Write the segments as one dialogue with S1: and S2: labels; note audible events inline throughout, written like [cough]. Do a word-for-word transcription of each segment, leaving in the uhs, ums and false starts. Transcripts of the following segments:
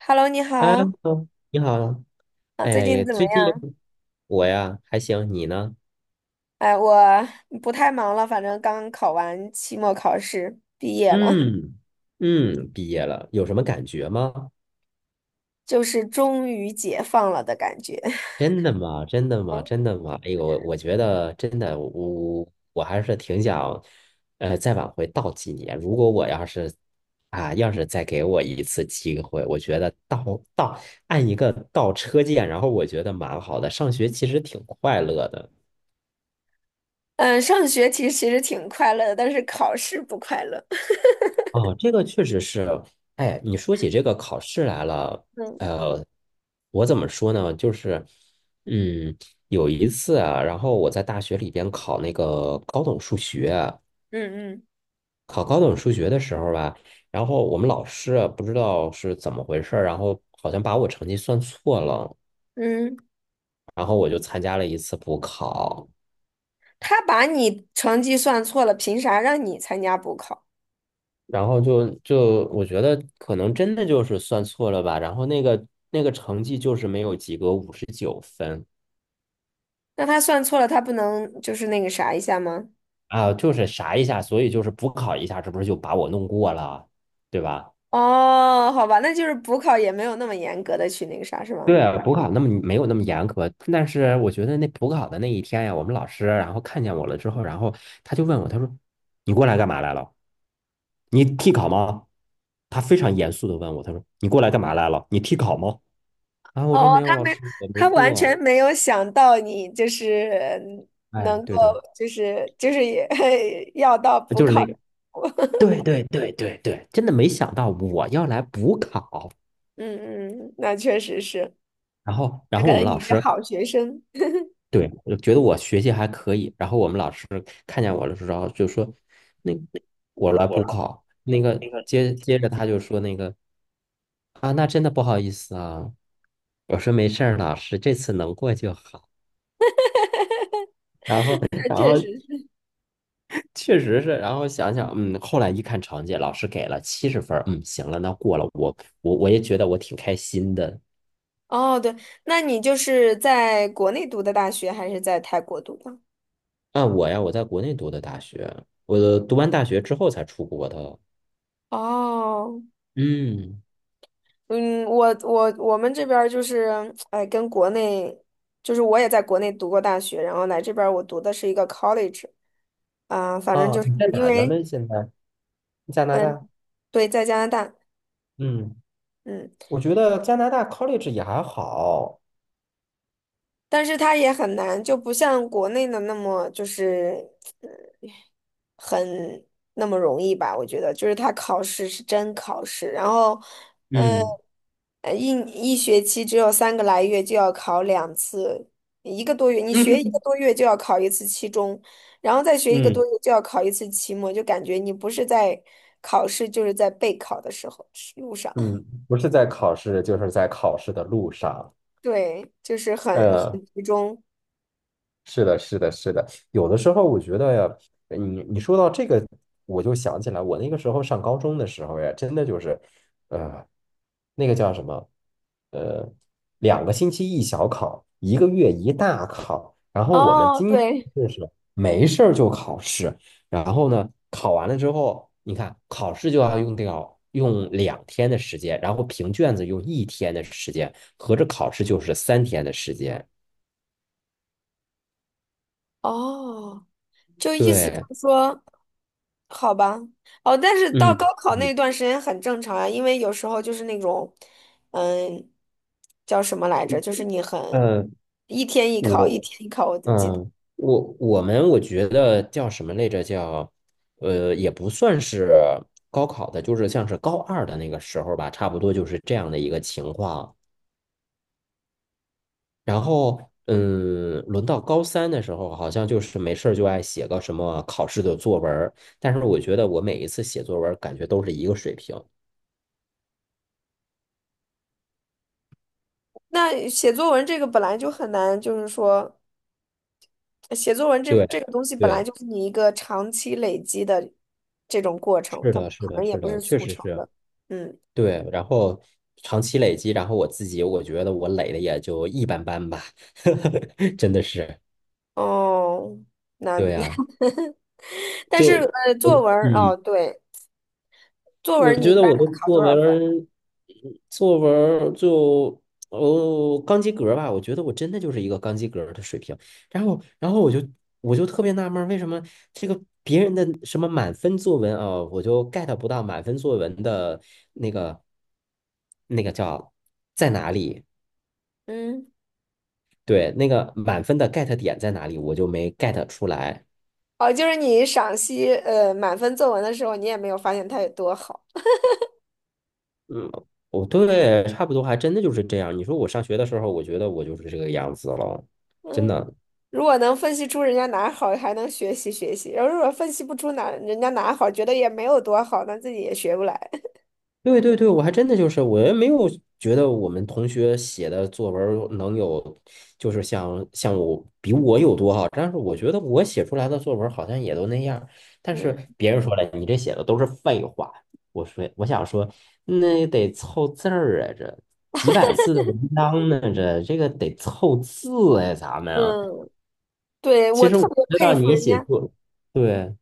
S1: Hello，你
S2: 哎，
S1: 好，
S2: 你好。
S1: 啊，最
S2: 哎
S1: 近
S2: 呀，
S1: 怎么
S2: 最近
S1: 样？
S2: 我呀还行，你呢？
S1: 哎，我不太忙了，反正刚考完期末考试，毕业了。
S2: 嗯嗯，毕业了，有什么感觉吗？
S1: [laughs] 就是终于解放了的感觉。
S2: 真的吗？真的吗？
S1: [laughs]
S2: 真的吗？哎呦，我我觉得真的，我我还是挺想，呃，再往回倒几年。如果我要是啊，要是再给我一次机会，我觉得倒倒按一个倒车键，然后我觉得蛮好的。上学其实挺快乐的。
S1: 嗯，上学其实其实挺快乐的，但是考试不快乐。[laughs]
S2: 哦，这个确实是。哎，你说起这个考试来了。
S1: 嗯
S2: 呃，我怎么说呢？就是，嗯，有一次啊，然后我在大学里边考那个高等数学，
S1: 嗯嗯
S2: 考高等数学的时候吧，然后我们老师啊不知道是怎么回事儿，然后好像把我成绩算错了，
S1: 嗯，
S2: 然后我就参加了一次补考。
S1: 他把你成绩算错了，凭啥让你参加补考？
S2: 然后就就我觉得可能真的就是算错了吧，然后那个那个成绩就是没有及格，五十九分。
S1: 那他算错了，他不能就是那个啥一下吗？
S2: 啊，就是啥一下，所以就是补考一下，这不是就把我弄过了，对吧？
S1: 哦，好吧，那就是补考也没有那么严格的去那个啥，是
S2: 对
S1: 吗？
S2: 啊，补考那么没有那么严格，但是我觉得那补考的那一天呀，我们老师然后看见我了之后，然后他就问我，他说："你过来干嘛来了？你替考吗？"他非常严肃的问我，他说："你过来干嘛来了？你替考吗？"然后我说：
S1: 哦，
S2: “没
S1: 他
S2: 有，老
S1: 没，
S2: 师，我没
S1: 他完全
S2: 过。"
S1: 没有想到你就是嗯
S2: 哎，
S1: 能够，
S2: 对的，
S1: 就是就是也 [laughs] 要到补
S2: 就是
S1: 考，
S2: 那个，对对对对对，真的没想到我要来补考。
S1: 嗯嗯，那确实是，
S2: 然后，然
S1: 那
S2: 后
S1: 感
S2: 我
S1: 觉
S2: 们老
S1: 你是
S2: 师，
S1: 好学生，
S2: 对，我觉得我学习还可以，然后我们老师看见我的时候就说，那我来补考，那个接接着他就说那个，啊，那真的不好意思啊，我说没事儿，老师这次能过就好。然后，
S1: [laughs]
S2: 然
S1: 确
S2: 后
S1: 实是。
S2: 确实是。然后想想，嗯，后来一看成绩，老师给了七十分儿，嗯，行了，那过了，我我我也觉得我挺开心的。
S1: 哦，对，那你就是在国内读的大学，还是在泰国读的？
S2: 啊，我呀，我在国内读的大学，我读完大学之后才出国的。
S1: 哦，
S2: 嗯，
S1: 嗯，我我我们这边儿就是，哎，跟国内，就是我也在国内读过大学，然后来这边儿我读的是一个 college，啊、反正
S2: 哦，
S1: 就是
S2: 你在
S1: 因
S2: 哪
S1: 为。
S2: 呢？现在？加拿
S1: 嗯。
S2: 大，
S1: 对，在加拿大，
S2: 嗯
S1: 嗯，
S2: 我觉得加拿大 college 也还好。
S1: 但是它也很难，就不像国内的那么就是呃很那么容易吧？我觉得，就是他考试是真考试，然后，呃，
S2: 嗯
S1: 呃一一学期只有三个来月就要考两次，一个多月，你学一个
S2: 嗯
S1: 多月就要考一次期中，然后再学一个
S2: 嗯，
S1: 多月就要考一次期末，就感觉你不是在考试，就是在备考的时候路上。[laughs]
S2: 嗯，不是在考试，就是在考试的路上。
S1: 对，就是很
S2: 嗯，
S1: 很集中。
S2: 是的，是的，是的。有的时候我觉得呀，呃你你说到这个，我就想起来，我那个时候上高中的时候呀，真的就是，呃，那个叫什么，呃，两个星期一小考，一个月一大考。然后我们
S1: 哦，
S2: 经常
S1: 对，
S2: 就是没事儿就考试，然后呢，考完了之后，你看考试就要用掉，用两天的时间，然后评卷子用一天的时间，合着考试就是三天的时间。
S1: 哦，就意思就
S2: 对，
S1: 是说，好吧。哦，但是到
S2: 嗯。
S1: 高考
S2: 嗯
S1: 那段时间很正常啊，因为有时候就是那种，嗯，叫什么来着，就是你很
S2: 嗯，
S1: 一天一考，一
S2: 我
S1: 天一考，我就记得。
S2: 嗯，我我们我觉得叫什么来着？叫，呃，也不算是高考的，就是像是高二的那个时候吧，差不多就是这样的一个情况。然后，嗯，轮到高三的时候，好像就是没事儿就爱写个什么考试的作文儿，但是我觉得我每一次写作文儿感觉都是一个水平。
S1: 那写作文这个本来就很难，就是说写作文这
S2: 对
S1: 这个东西本来
S2: 对，
S1: 就是你一个长期累积的这种过程，
S2: 是
S1: 它
S2: 的，是
S1: 可
S2: 的，
S1: 能也
S2: 是
S1: 不
S2: 的，
S1: 是
S2: 确
S1: 速
S2: 实
S1: 成
S2: 是。
S1: 的，嗯。
S2: 对，然后长期累积，然后我自己我觉得我累的也就一般般吧，[laughs] 真的是。
S1: 哦，那
S2: 对呀、
S1: [laughs] 但是
S2: 就
S1: 呃，
S2: [laughs]
S1: 作
S2: 我
S1: 文儿
S2: 嗯，
S1: 哦，对。作
S2: 我
S1: 文你一
S2: 觉得
S1: 般
S2: 我
S1: 能
S2: 的
S1: 考多
S2: 作
S1: 少
S2: 文
S1: 分？
S2: 儿作文儿就，哦，刚及格吧，我觉得我真的就是一个刚及格儿的水平，然后然后我就我就特别纳闷儿，为什么这个别人的什么满分作文啊，我就 get 不到满分作文的那个那个叫，在哪里？
S1: 嗯，
S2: 对，那个满分的 get 点在哪里，我就没 get 出来。
S1: 哦，就是你赏析呃满分作文的时候，你也没有发现它有多好。
S2: 嗯，我，对，差不多还真的就是这样。你说我上学的时候，我觉得我就是这个样子了，真
S1: 嗯，
S2: 的。
S1: 如果能分析出人家哪好，还能学习学习；然后如果分析不出哪人家哪好，觉得也没有多好，那自己也学不来。
S2: 对对对，我还真的就是，我也没有觉得我们同学写的作文儿能有，就是像像我，比我有多好，但是我觉得我写出来的作文儿好像也都那样儿，但是
S1: 嗯，
S2: 别人说了，你这写的都是废话。我说，我想说，那得凑字儿啊，这几百字的文章呢，这这个得凑字，哎，咱们啊。
S1: 嗯，对，我
S2: 其实
S1: 特
S2: 我
S1: 别
S2: 知
S1: 佩
S2: 道
S1: 服
S2: 你
S1: 人
S2: 写
S1: 家。
S2: 作，对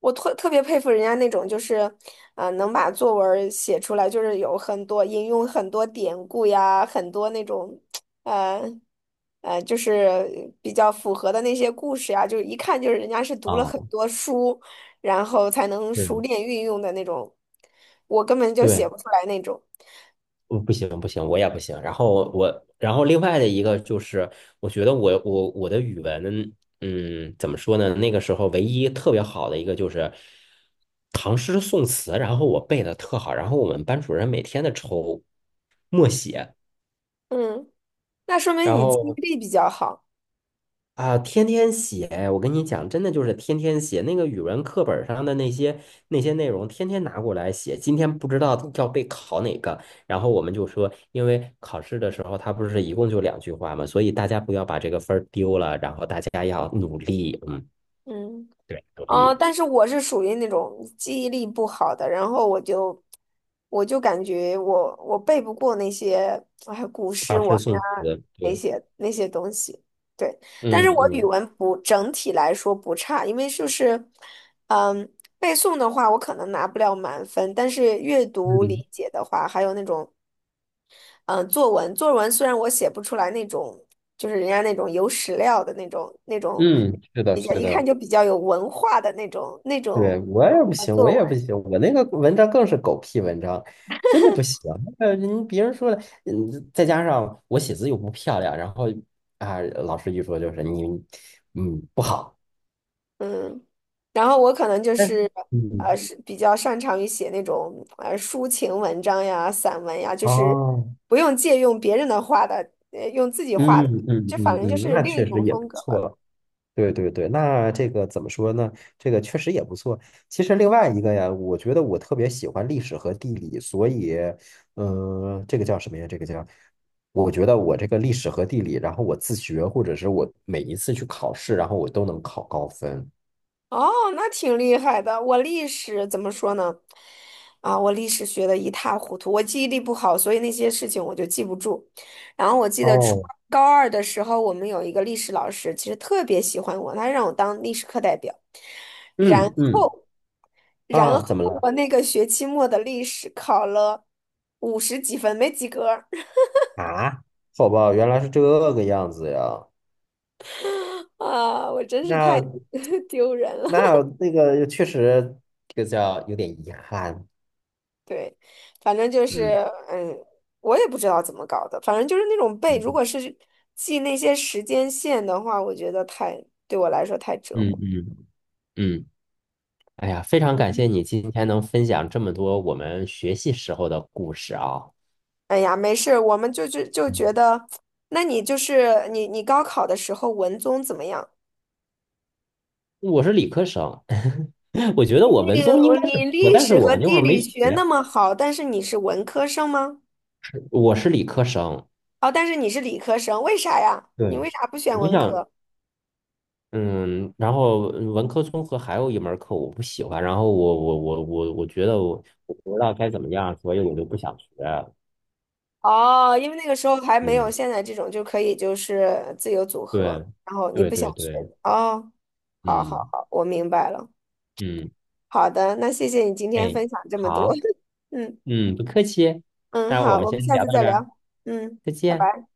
S1: 我特特别佩服人家那种，就是，呃，能把作文儿写出来，就是有很多引用很多典故呀，很多那种，呃，呃，就是比较符合的那些故事呀，就是一看就是人家是读了很
S2: 啊，
S1: 多书，然后才能熟
S2: 是，
S1: 练运用的那种，我根本就写
S2: 对。
S1: 不出来那种。
S2: 我不行不行，我也不行。然后我，然后另外的一个就是，我觉得我我我的语文，嗯，怎么说呢？那个时候唯一特别好的一个就是唐诗宋词，然后我背的特好。然后我们班主任每天的抽默写，
S1: 嗯，那说明
S2: 然
S1: 你记忆
S2: 后
S1: 力比较好。
S2: 啊，天天写，我跟你讲，真的就是天天写那个语文课本上的那些那些内容，天天拿过来写。今天不知道要被考哪个，然后我们就说，因为考试的时候它不是一共就两句话嘛，所以大家不要把这个分儿丢了，然后大家要努力，嗯，
S1: 嗯。
S2: 对，努
S1: 啊，
S2: 力。
S1: 但是我是属于那种记忆力不好的，然后我就我就感觉我我背不过那些哎古诗
S2: 考
S1: 文
S2: 试宋
S1: 呀
S2: 词，
S1: 那
S2: 对，
S1: 些那些东西，对。但
S2: 嗯
S1: 是我语
S2: 嗯
S1: 文不整体来说不差，因为就是嗯背诵的话，我可能拿不了满分，但是阅读
S2: 嗯
S1: 理解的话，还有那种嗯、呃作文，作文虽然我写不出来那种，就是人家那种有史料的那种那种，
S2: 嗯，是的，
S1: 比较
S2: 是
S1: 一看
S2: 的。
S1: 就比较有文化的那种那
S2: 对，
S1: 种
S2: 我也不
S1: 呃
S2: 行，我
S1: 作
S2: 也
S1: 文。
S2: 不行，我那个文章更是狗屁文章，真的不行。呃，个人别人说了，嗯，再加上我写字又不漂亮，然后啊，老师一说就是你，嗯，不好。
S1: 嗯，然后我可能就
S2: 但是，
S1: 是呃
S2: 嗯，
S1: 是比较擅长于写那种呃抒情文章呀、散文呀，就是
S2: 哦，
S1: 不用借用别人的话的，呃用自己画
S2: 嗯
S1: 的，
S2: 嗯
S1: 这反
S2: 嗯
S1: 正就
S2: 嗯，
S1: 是
S2: 那
S1: 另一
S2: 确实
S1: 种
S2: 也不
S1: 风格
S2: 错。
S1: 吧。
S2: 了。对对对，那这个怎么说呢？这个确实也不错。其实另外一个呀，我觉得我特别喜欢历史和地理，所以，嗯、这个叫什么呀？这个叫，我觉得我这个历史和地理，然后我自学，或者是我每一次去考试，然后我都能考高分。
S1: 哦，那挺厉害的。我历史怎么说呢？啊，我历史学的一塌糊涂，我记忆力不好，所以那些事情我就记不住。然后我记得初
S2: 哦，
S1: 高二的时候，我们有一个历史老师，其实特别喜欢我，他让我当历史课代表。然
S2: 嗯嗯，
S1: 后，然
S2: 啊，
S1: 后
S2: 怎么了？
S1: 我那个学期末的历史考了五十几分，没及格儿。
S2: 啊，好吧，原来是这个样子呀。
S1: [laughs] 啊，我真是太
S2: 那
S1: [laughs] 丢人了。
S2: 那那个确实，这个叫有点遗憾。
S1: 对，反正就是，
S2: 嗯
S1: 嗯，我也不知道怎么搞的，反正就是那种背，如果
S2: 嗯
S1: 是记那些时间线的话，我觉得太，对我来说太折
S2: 嗯
S1: 磨。
S2: 嗯。嗯，哎呀，非常感谢你今天能分享这么多我们学习时候的故事啊。
S1: 哎呀，没事儿我们就就就觉
S2: 嗯，
S1: 得，那你就是你你高考的时候文综怎么样？
S2: 我是理科生，[laughs] 我觉得我文
S1: 你
S2: 综应
S1: 我
S2: 该是
S1: 你
S2: 不错，
S1: 历
S2: 但是
S1: 史和
S2: 我那会
S1: 地
S2: 儿没
S1: 理学那
S2: 学，
S1: 么好，但是你是文科生吗？
S2: 是，我是理科生。
S1: 哦，但是你是理科生，为啥呀？你
S2: 对，
S1: 为啥不选
S2: 我
S1: 文
S2: 想，
S1: 科？
S2: 嗯，然后文科综合还有一门课我不喜欢，然后我我我我我觉得我我不知道该怎么样，所以我就不想学。
S1: 哦，因为那个时候还没有
S2: 嗯，
S1: 现在这种就可以就是自由组合，
S2: 对，
S1: 然后你
S2: 对
S1: 不想
S2: 对
S1: 学。
S2: 对，
S1: 哦，好好
S2: 嗯
S1: 好，我明白了。
S2: 嗯，
S1: 好的，那谢谢你今天
S2: 哎，
S1: 分享这么多。
S2: 好，
S1: [laughs] 嗯
S2: 嗯，不客气，
S1: 嗯，
S2: 那我
S1: 好，
S2: 们
S1: 我们
S2: 先
S1: 下
S2: 聊
S1: 次
S2: 到
S1: 再
S2: 这儿。
S1: 聊。嗯，
S2: 再
S1: 拜
S2: 见。
S1: 拜。